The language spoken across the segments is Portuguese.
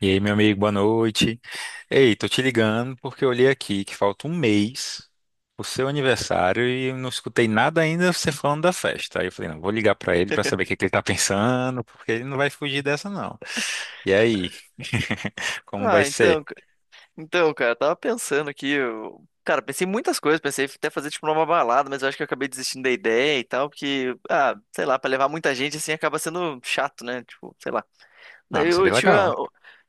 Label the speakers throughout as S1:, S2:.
S1: E aí, meu amigo, boa noite. Ei, tô te ligando porque eu olhei aqui que falta um mês pro seu aniversário e eu não escutei nada ainda você falando da festa. Aí eu falei, não, vou ligar pra ele pra saber o que que ele tá pensando, porque ele não vai fugir dessa, não. E aí, como vai
S2: Ah,
S1: ser?
S2: então, cara, eu tava pensando aqui, cara, pensei em muitas coisas, pensei até fazer tipo uma balada, mas eu acho que eu acabei desistindo da ideia e tal, porque, ah, sei lá, pra levar muita gente assim acaba sendo chato, né? Tipo, sei lá.
S1: Ah,
S2: Daí
S1: mas
S2: eu
S1: seria
S2: tive,
S1: legal.
S2: a-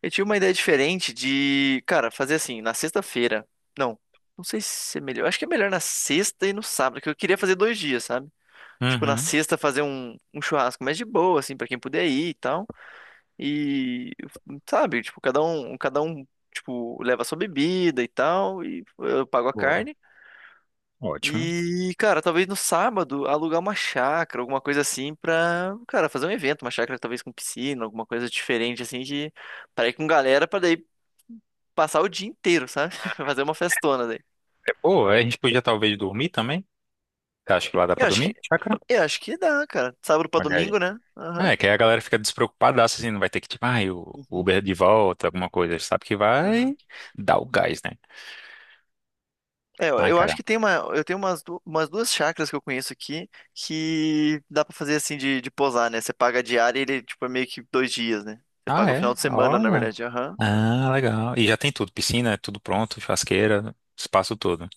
S2: eu tive uma ideia diferente de, cara, fazer assim, na sexta-feira. Não, não sei se é melhor. Eu acho que é melhor na sexta e no sábado, que eu queria fazer dois dias, sabe? Tipo, na
S1: Uhum,
S2: sexta fazer um churrasco mais de boa, assim, pra quem puder ir e tal. E, sabe, tipo, cada um, tipo, leva a sua bebida e tal, e eu pago a
S1: boa.
S2: carne.
S1: Ótimo.
S2: E, cara, talvez no sábado alugar uma chácara, alguma coisa assim, pra, cara, fazer um evento, uma chácara talvez com piscina, alguma coisa diferente assim, de pra ir com galera pra daí passar o dia inteiro, sabe? Fazer uma festona daí.
S1: É boa, a gente podia talvez dormir também. Você acha que lá dá pra
S2: Eu acho que,
S1: dormir? Chácara?
S2: eu acho que dá, cara. Sábado pra domingo, né? Aham.
S1: É, que aí a galera fica despreocupadaça, assim, não vai ter que, tipo, ai, o Uber
S2: Uhum.
S1: é de volta, alguma coisa. Sabe que
S2: Aham.
S1: vai dar o gás, né?
S2: É, eu
S1: Ai,
S2: eu acho
S1: cara.
S2: que tem uma, eu tenho umas duas chácaras que eu conheço aqui que dá pra fazer assim de posar, né? Você paga a diária e ele, tipo, é meio que dois dias, né? Você
S1: Ah,
S2: paga o
S1: é?
S2: final de semana, na
S1: Olha.
S2: verdade. Aham.
S1: Ah, legal. E já tem tudo, piscina, é tudo pronto, churrasqueira, espaço todo.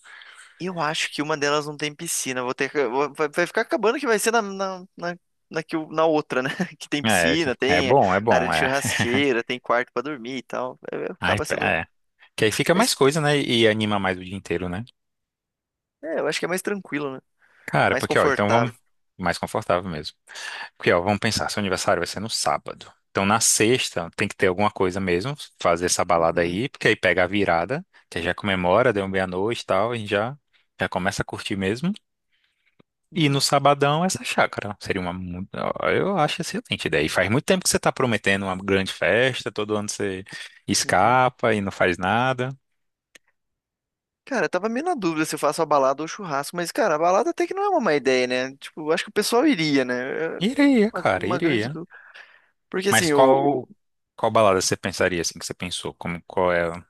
S2: Eu acho que uma delas não tem piscina. Vou ter, que- vou- vai, vai ficar acabando que vai ser na outra, né? Que tem
S1: É,
S2: piscina,
S1: é
S2: tem
S1: bom, é
S2: área
S1: bom,
S2: de
S1: é.
S2: churrasqueira, tem quarto pra dormir e tal. É, é,
S1: Ai,
S2: Acaba sendo.
S1: é. Que aí fica
S2: mais-
S1: mais coisa, né? E anima mais o dia inteiro, né?
S2: É, eu acho que é mais tranquilo, né?
S1: Cara,
S2: Mais
S1: porque, ó, então vamos
S2: confortável.
S1: mais confortável mesmo. Porque, ó, vamos pensar, seu aniversário vai ser no sábado. Então, na sexta, tem que ter alguma coisa mesmo, fazer essa balada
S2: Uhum,
S1: aí, porque aí pega a virada, que aí já comemora, deu meia-noite e tal, a gente já, já começa a curtir mesmo. E no
S2: uhum,
S1: sabadão, essa chácara. Seria uma. Ó, eu acho excelente ideia. E faz muito tempo que você está prometendo uma grande festa, todo ano você
S2: uhum.
S1: escapa e não faz nada.
S2: Cara, eu tava meio na dúvida se eu faço a balada ou o churrasco, mas, cara, a balada até que não é uma má ideia, né? Tipo, eu acho que o pessoal iria, né? É
S1: Iria,
S2: Uma,
S1: cara,
S2: uma grande
S1: iria.
S2: dúvida. Porque
S1: Mas
S2: assim,
S1: qual, qual balada você pensaria assim que você pensou? Como, qual é?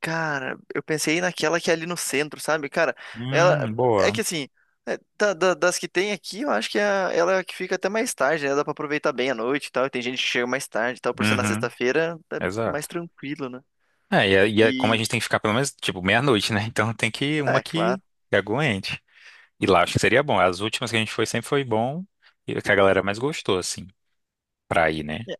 S2: cara, eu pensei naquela que é ali no centro, sabe? Cara, ela. É
S1: Boa.
S2: que assim, das que tem aqui, eu acho que ela é a que fica até mais tarde, né? Dá pra aproveitar bem a noite e tal. E tem gente que chega mais tarde e tal. Por ser na
S1: Uhum,
S2: sexta-feira, é mais
S1: exato.
S2: tranquilo, né?
S1: É, e é como a
S2: E.
S1: gente tem que ficar pelo menos, tipo, meia-noite, né? Então tem que uma
S2: É,
S1: que
S2: claro.
S1: que aguente. E lá acho que
S2: Uhum.
S1: seria bom. As últimas que a gente foi sempre foi bom e o que a galera mais gostou, assim, pra ir, né?
S2: É,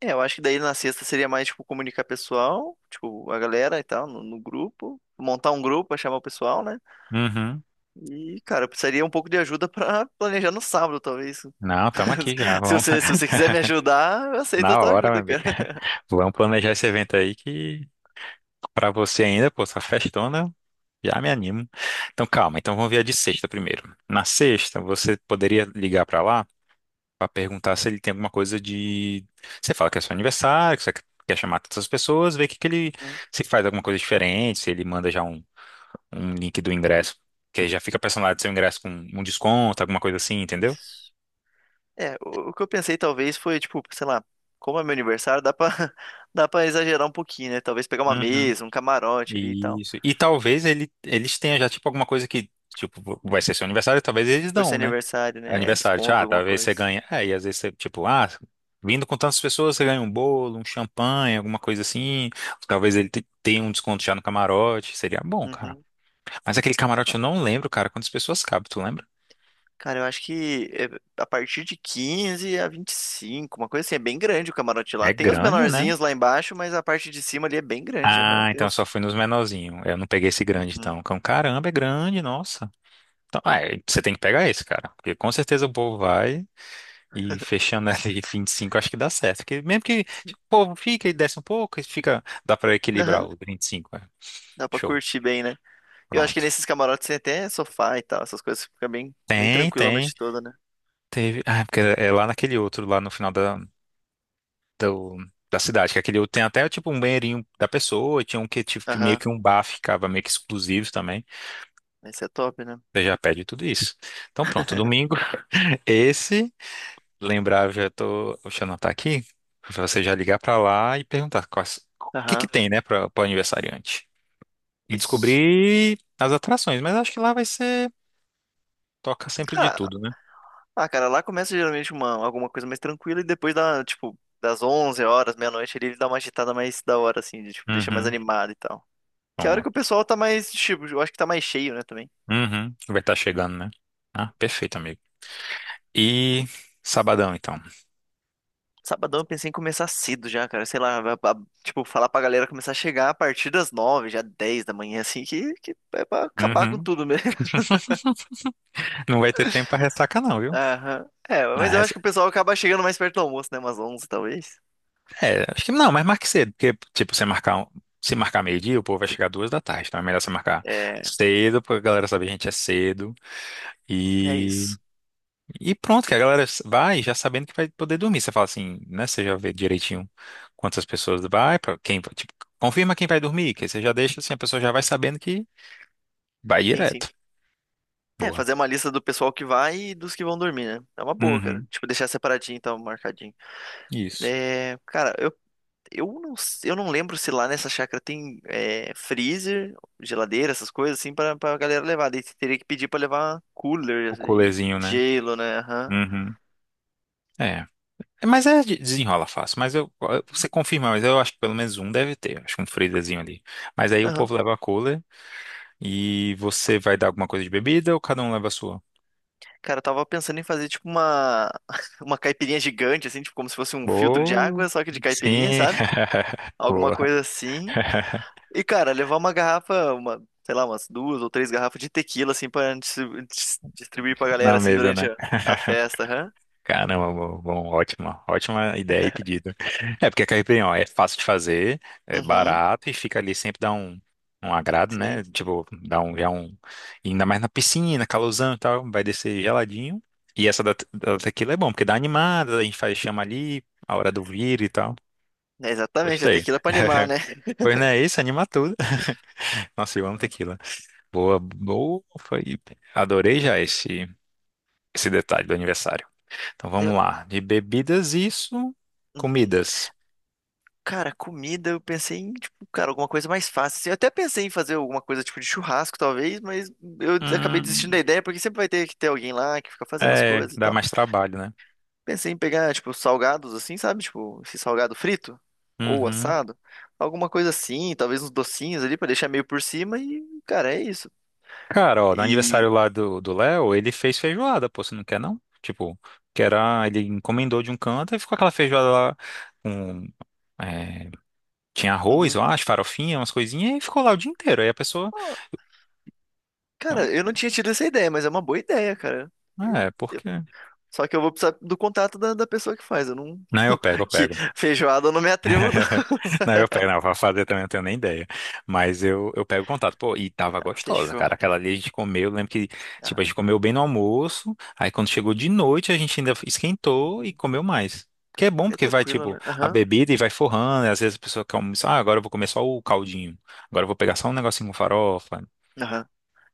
S2: eu acho que daí na sexta seria mais, tipo, comunicar pessoal, tipo, a galera e tal, no grupo. Montar um grupo pra chamar o pessoal, né?
S1: Uhum.
S2: E, cara, eu precisaria um pouco de ajuda pra planejar no sábado, talvez.
S1: Não, tamo aqui já.
S2: Se
S1: Vamos,
S2: você, se você quiser me ajudar, eu aceito a
S1: na
S2: tua
S1: hora, meu
S2: ajuda,
S1: amigo.
S2: cara.
S1: Vamos planejar esse evento aí que pra você ainda, pô, essa festona, já me animo. Então calma, então vamos ver a de sexta primeiro. Na sexta, você poderia ligar pra lá? Pra perguntar se ele tem alguma coisa de. Você fala que é seu aniversário, que você quer chamar todas as pessoas, ver o que, que ele
S2: Hum.
S1: se faz alguma coisa diferente, se ele manda já um link do ingresso, que aí já fica personalizado seu ingresso com um desconto, alguma coisa assim, entendeu?
S2: Isso. É, o que eu pensei talvez foi, tipo, sei lá, como é meu aniversário, dá pra, dá pra exagerar um pouquinho, né? Talvez pegar uma
S1: Uhum.
S2: mesa, um camarote ali e tal.
S1: Isso. E talvez eles tenham já, tipo, alguma coisa que, tipo, vai ser seu aniversário, talvez eles
S2: Por ser
S1: dão, né?
S2: aniversário, né? É.
S1: Aniversário, tipo,
S2: Desconto,
S1: ah,
S2: alguma
S1: talvez você
S2: coisa.
S1: ganhe. É, e às vezes você, tipo, ah, vindo com tantas pessoas, você ganha um bolo, um champanhe, alguma coisa assim. Talvez ele tenha um desconto já no camarote. Seria bom, cara.
S2: Uhum.
S1: Mas aquele camarote eu não lembro, cara, quantas pessoas cabe, tu lembra?
S2: Cara, eu acho que é a partir de 15 a 25, uma coisa assim, é bem grande o camarote lá.
S1: É
S2: Tem os
S1: grande, né?
S2: menorzinhos lá embaixo, mas a parte de cima ali é bem grande, aham.
S1: Ah,
S2: Tem
S1: então eu só
S2: os.
S1: fui nos menorzinhos. Eu não peguei esse grande,
S2: Uhum.
S1: então. Caramba, é grande, nossa. Então, ah, é, você tem que pegar esse, cara. Porque com certeza o povo vai. E fechando ali 25 acho que dá certo. Porque mesmo que
S2: Sim.
S1: tipo, o povo fica e desce um pouco, fica, dá pra equilibrar
S2: Aham.
S1: os 25. É.
S2: Dá pra
S1: Show.
S2: curtir bem, né? Eu acho que
S1: Pronto.
S2: nesses camarotes tem até sofá e tal, essas coisas fica bem, bem
S1: Tem,
S2: tranquilo a
S1: tem.
S2: noite toda, né?
S1: Teve. Ah, porque é lá naquele outro, lá no final do- da cidade, que aquele outro tem até tipo um banheirinho da pessoa, tinha um que tipo que meio
S2: Aham.
S1: que um bar ficava meio que exclusivo também.
S2: Esse é top, né?
S1: Você já pede tudo isso. Então pronto, domingo, esse. Lembrar, já tô. O Xanã tá aqui. Pra você já ligar pra lá e perguntar quais, o que que
S2: Aham.
S1: tem, né, pro aniversariante. E
S2: Isso.
S1: descobrir as atrações, mas acho que lá vai ser. Toca sempre de
S2: Ah,
S1: tudo, né?
S2: ah, cara, lá começa geralmente uma, alguma coisa mais tranquila e depois dá, tipo, das 11 horas, meia-noite ali, ele dá uma agitada mais da hora, assim, de, tipo, deixa mais
S1: Uhum.
S2: animado e tal. Que é a hora que o
S1: Pronto.
S2: pessoal tá mais, tipo, eu acho que tá mais cheio, né, também.
S1: Uhum. Vai estar chegando, né? Ah, perfeito, amigo. E sabadão, então.
S2: Sabadão eu pensei em começar cedo já, cara. Sei lá, tipo, falar pra galera começar a chegar a partir das 9, já 10 da manhã, assim, que é pra acabar com
S1: Uhum.
S2: tudo mesmo.
S1: Não vai ter tempo pra ressaca, não, viu?
S2: Aham. É,
S1: A
S2: mas eu acho que
S1: ressa-
S2: o pessoal acaba chegando mais perto do almoço, né? Umas 11, talvez.
S1: É, acho que não, mas marque cedo, porque, tipo, se marcar meio-dia, o povo vai chegar 2 da tarde, então é melhor você marcar
S2: É,
S1: cedo, pra galera saber que a gente é cedo.
S2: é,
S1: E.
S2: isso.
S1: E pronto, que a galera vai já sabendo que vai poder dormir. Você fala assim, né? Você já vê direitinho quantas pessoas vai, pra quem, tipo, confirma quem vai dormir, que aí você já deixa assim, a pessoa já vai sabendo que vai
S2: Sim, sim.
S1: direto.
S2: É,
S1: Boa.
S2: fazer uma lista do pessoal que vai e dos que vão dormir, né? É uma boa, cara.
S1: Uhum.
S2: Tipo, deixar separadinho, então, marcadinho.
S1: Isso.
S2: É, cara, Eu não, eu não lembro se lá nessa chácara tem freezer, geladeira, essas coisas assim, pra galera levar. Daí você teria que pedir pra levar cooler
S1: O
S2: e
S1: colezinho, né?
S2: gelo, né? Aham.
S1: Uhum. É. É, mas é, desenrola fácil. Mas você confirma, mas eu acho que pelo menos um deve ter. Acho que um freezerzinho ali. Mas aí o
S2: Aham.
S1: povo leva a cooler e você vai dar alguma coisa de bebida ou cada um leva a sua?
S2: Cara, eu tava pensando em fazer tipo uma, uma caipirinha gigante, assim, tipo como se fosse um filtro de
S1: Boa.
S2: água, só que de caipirinha,
S1: Sim.
S2: sabe? Alguma
S1: Boa.
S2: coisa assim. E, cara, levar uma garrafa, uma, sei lá, umas duas ou três garrafas de tequila, assim, pra distribuir pra
S1: Na
S2: galera, assim,
S1: mesa,
S2: durante
S1: né?
S2: a festa, aham.
S1: Caramba, bom, bom, ótima, ótima ideia e pedido. É porque a caipirinha, ó, é fácil de fazer, é
S2: Uhum,
S1: barato e fica ali sempre dá um agrado, né?
S2: sim.
S1: Tipo, dá um, já um, e ainda mais na piscina, calorzão e tal, vai descer geladinho. E essa da tequila é bom, porque dá animada, a gente faz chama ali, a hora do vir e tal.
S2: É exatamente, a
S1: Gostei.
S2: tequila é pra animar, né?
S1: Pois não é isso, anima tudo. Nossa, eu amo tequila. Boa, boa, foi. Adorei já esse detalhe do aniversário. Então vamos
S2: Eu-
S1: lá. De bebidas, isso.
S2: uhum.
S1: Comidas.
S2: Cara, comida, eu pensei em, tipo, cara, alguma coisa mais fácil, assim. Eu até pensei em fazer alguma coisa tipo de churrasco, talvez, mas eu acabei desistindo da
S1: Hum,
S2: ideia, porque sempre vai ter que ter alguém lá que fica fazendo as
S1: é,
S2: coisas e
S1: dá
S2: tal.
S1: mais trabalho, né?
S2: Pensei em pegar, tipo, salgados assim, sabe? Tipo, esse salgado frito ou
S1: Uhum.
S2: assado. Alguma coisa assim, talvez uns docinhos ali pra deixar meio por cima e, cara, é isso.
S1: Cara, ó, no
S2: E.
S1: aniversário lá do Léo, ele fez feijoada, pô, você não quer não? Tipo, que era, ele encomendou de um canto e ficou aquela feijoada lá com. É, tinha arroz,
S2: Uhum.
S1: eu acho, farofinha, umas coisinhas, e ficou lá o dia inteiro. Aí a pessoa.
S2: Ó,
S1: É,
S2: cara, eu não tinha tido essa ideia, mas é uma boa ideia, cara.
S1: é, porque.
S2: Só que eu vou precisar do contato da pessoa que faz. Eu não.
S1: Não, eu pego, eu
S2: Que
S1: pego.
S2: feijoada eu não me atrevo, não.
S1: Não, eu pego, não, pra fazer também eu não tenho nem ideia. Mas eu pego o contato. Pô, e tava gostosa,
S2: Fechou.
S1: cara. Aquela ali a gente comeu, eu lembro que, tipo,
S2: Ah,
S1: a gente comeu bem no almoço. Aí quando chegou de noite, a gente ainda esquentou e
S2: uhum.
S1: comeu mais. Que é bom,
S2: É
S1: porque vai,
S2: tranquilo,
S1: tipo,
S2: né?
S1: a
S2: Aham.
S1: bebida e vai forrando. E às vezes a pessoa quer almoçar, ah, agora eu vou comer só o caldinho. Agora eu vou pegar só um negocinho com farofa.
S2: Aham.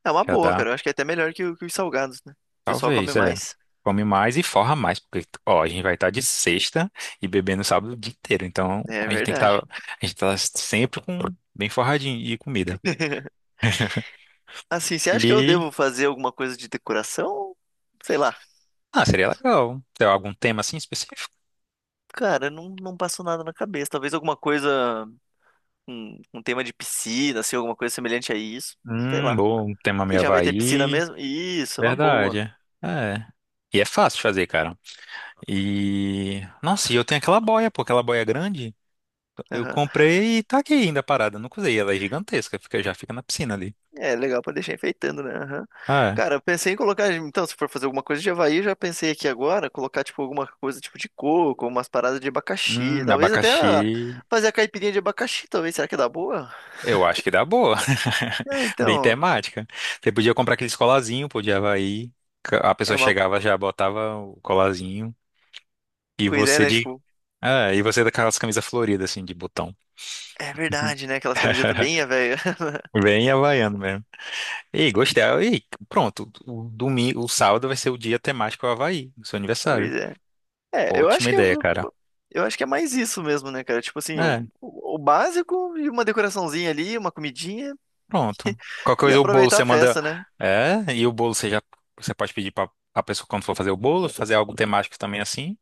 S2: É uma
S1: Já
S2: boa,
S1: dá.
S2: cara. Eu acho que é até melhor que, que os salgados, né? O pessoal come
S1: Talvez, é.
S2: mais.
S1: Come mais e forra mais, porque, ó, a gente vai estar de sexta e bebendo sábado o dia inteiro. Então,
S2: É
S1: a gente tem que estar,
S2: verdade.
S1: a gente tá sempre com bem forradinho e comida.
S2: Assim, você acha que eu
S1: E,
S2: devo fazer alguma coisa de decoração? Sei lá.
S1: ah, seria legal. Tem algum tema assim específico?
S2: Cara, não, não passou nada na cabeça. Talvez alguma coisa, um tema de piscina, assim, alguma coisa semelhante a isso. Sei lá.
S1: Bom, um tema
S2: Que
S1: meio
S2: já vai ter piscina
S1: Havaí.
S2: mesmo? Isso, é uma
S1: Verdade.
S2: boa.
S1: É. E é fácil de fazer, cara. E, nossa, e eu tenho aquela boia, pô, aquela boia grande. Eu comprei e tá aqui ainda parada, nunca usei. Ela é gigantesca, já fica na piscina ali.
S2: É legal pra deixar enfeitando, né? Aham.
S1: Ah, é.
S2: Cara, eu pensei em colocar. Então, se for fazer alguma coisa de Havaí, eu já pensei aqui agora, colocar, tipo, alguma coisa tipo de coco, umas paradas de abacaxi. Talvez até
S1: Abacaxi.
S2: ah, fazer a caipirinha de abacaxi, talvez. Será que dá boa?
S1: Eu acho que dá boa.
S2: É,
S1: Bem
S2: então.
S1: temática. Você podia comprar aqueles colazinho, podia de A
S2: É
S1: pessoa
S2: uma.
S1: chegava, já botava o colazinho. E
S2: Pois é,
S1: você
S2: né?
S1: de.
S2: Tipo,
S1: Ah, e você daquelas camisas floridas, assim, de botão.
S2: é verdade, né? Aquelas camisetas bem ah, velho.
S1: Bem havaiano mesmo. E gostei. E pronto. O domingo, o sábado vai ser o dia temático Havaí, do seu aniversário.
S2: Pois é. É, eu acho
S1: Ótima
S2: que é.
S1: ideia, cara.
S2: Eu acho que é mais isso mesmo, né, cara? Tipo assim, o,
S1: É,
S2: o básico e uma decoraçãozinha ali, uma comidinha
S1: pronto. Qualquer
S2: e
S1: coisa, o bolo
S2: aproveitar
S1: você
S2: a
S1: manda.
S2: festa, né?
S1: É, e o bolo você já. Você pode pedir pra a pessoa, quando for fazer o bolo, fazer algo temático também assim.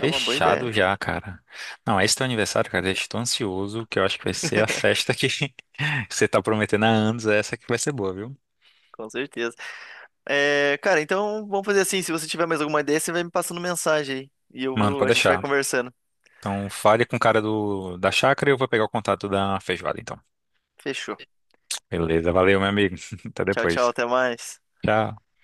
S2: É uma boa ideia,
S1: já, cara. Não, esse teu aniversário, cara, eu estou ansioso, que eu acho que vai ser a festa que você tá prometendo há anos, essa que vai ser boa, viu?
S2: com certeza. É, cara, então vamos fazer assim. Se você tiver mais alguma ideia, você vai me passando mensagem aí. E eu
S1: Mano,
S2: vou,
S1: pode
S2: a gente vai
S1: deixar.
S2: conversando.
S1: Então, fale com o cara do, da chácara e eu vou pegar o contato da feijoada, então.
S2: Fechou.
S1: Beleza, valeu, meu amigo. Até
S2: Tchau, tchau,
S1: depois.
S2: até mais.
S1: Tchau.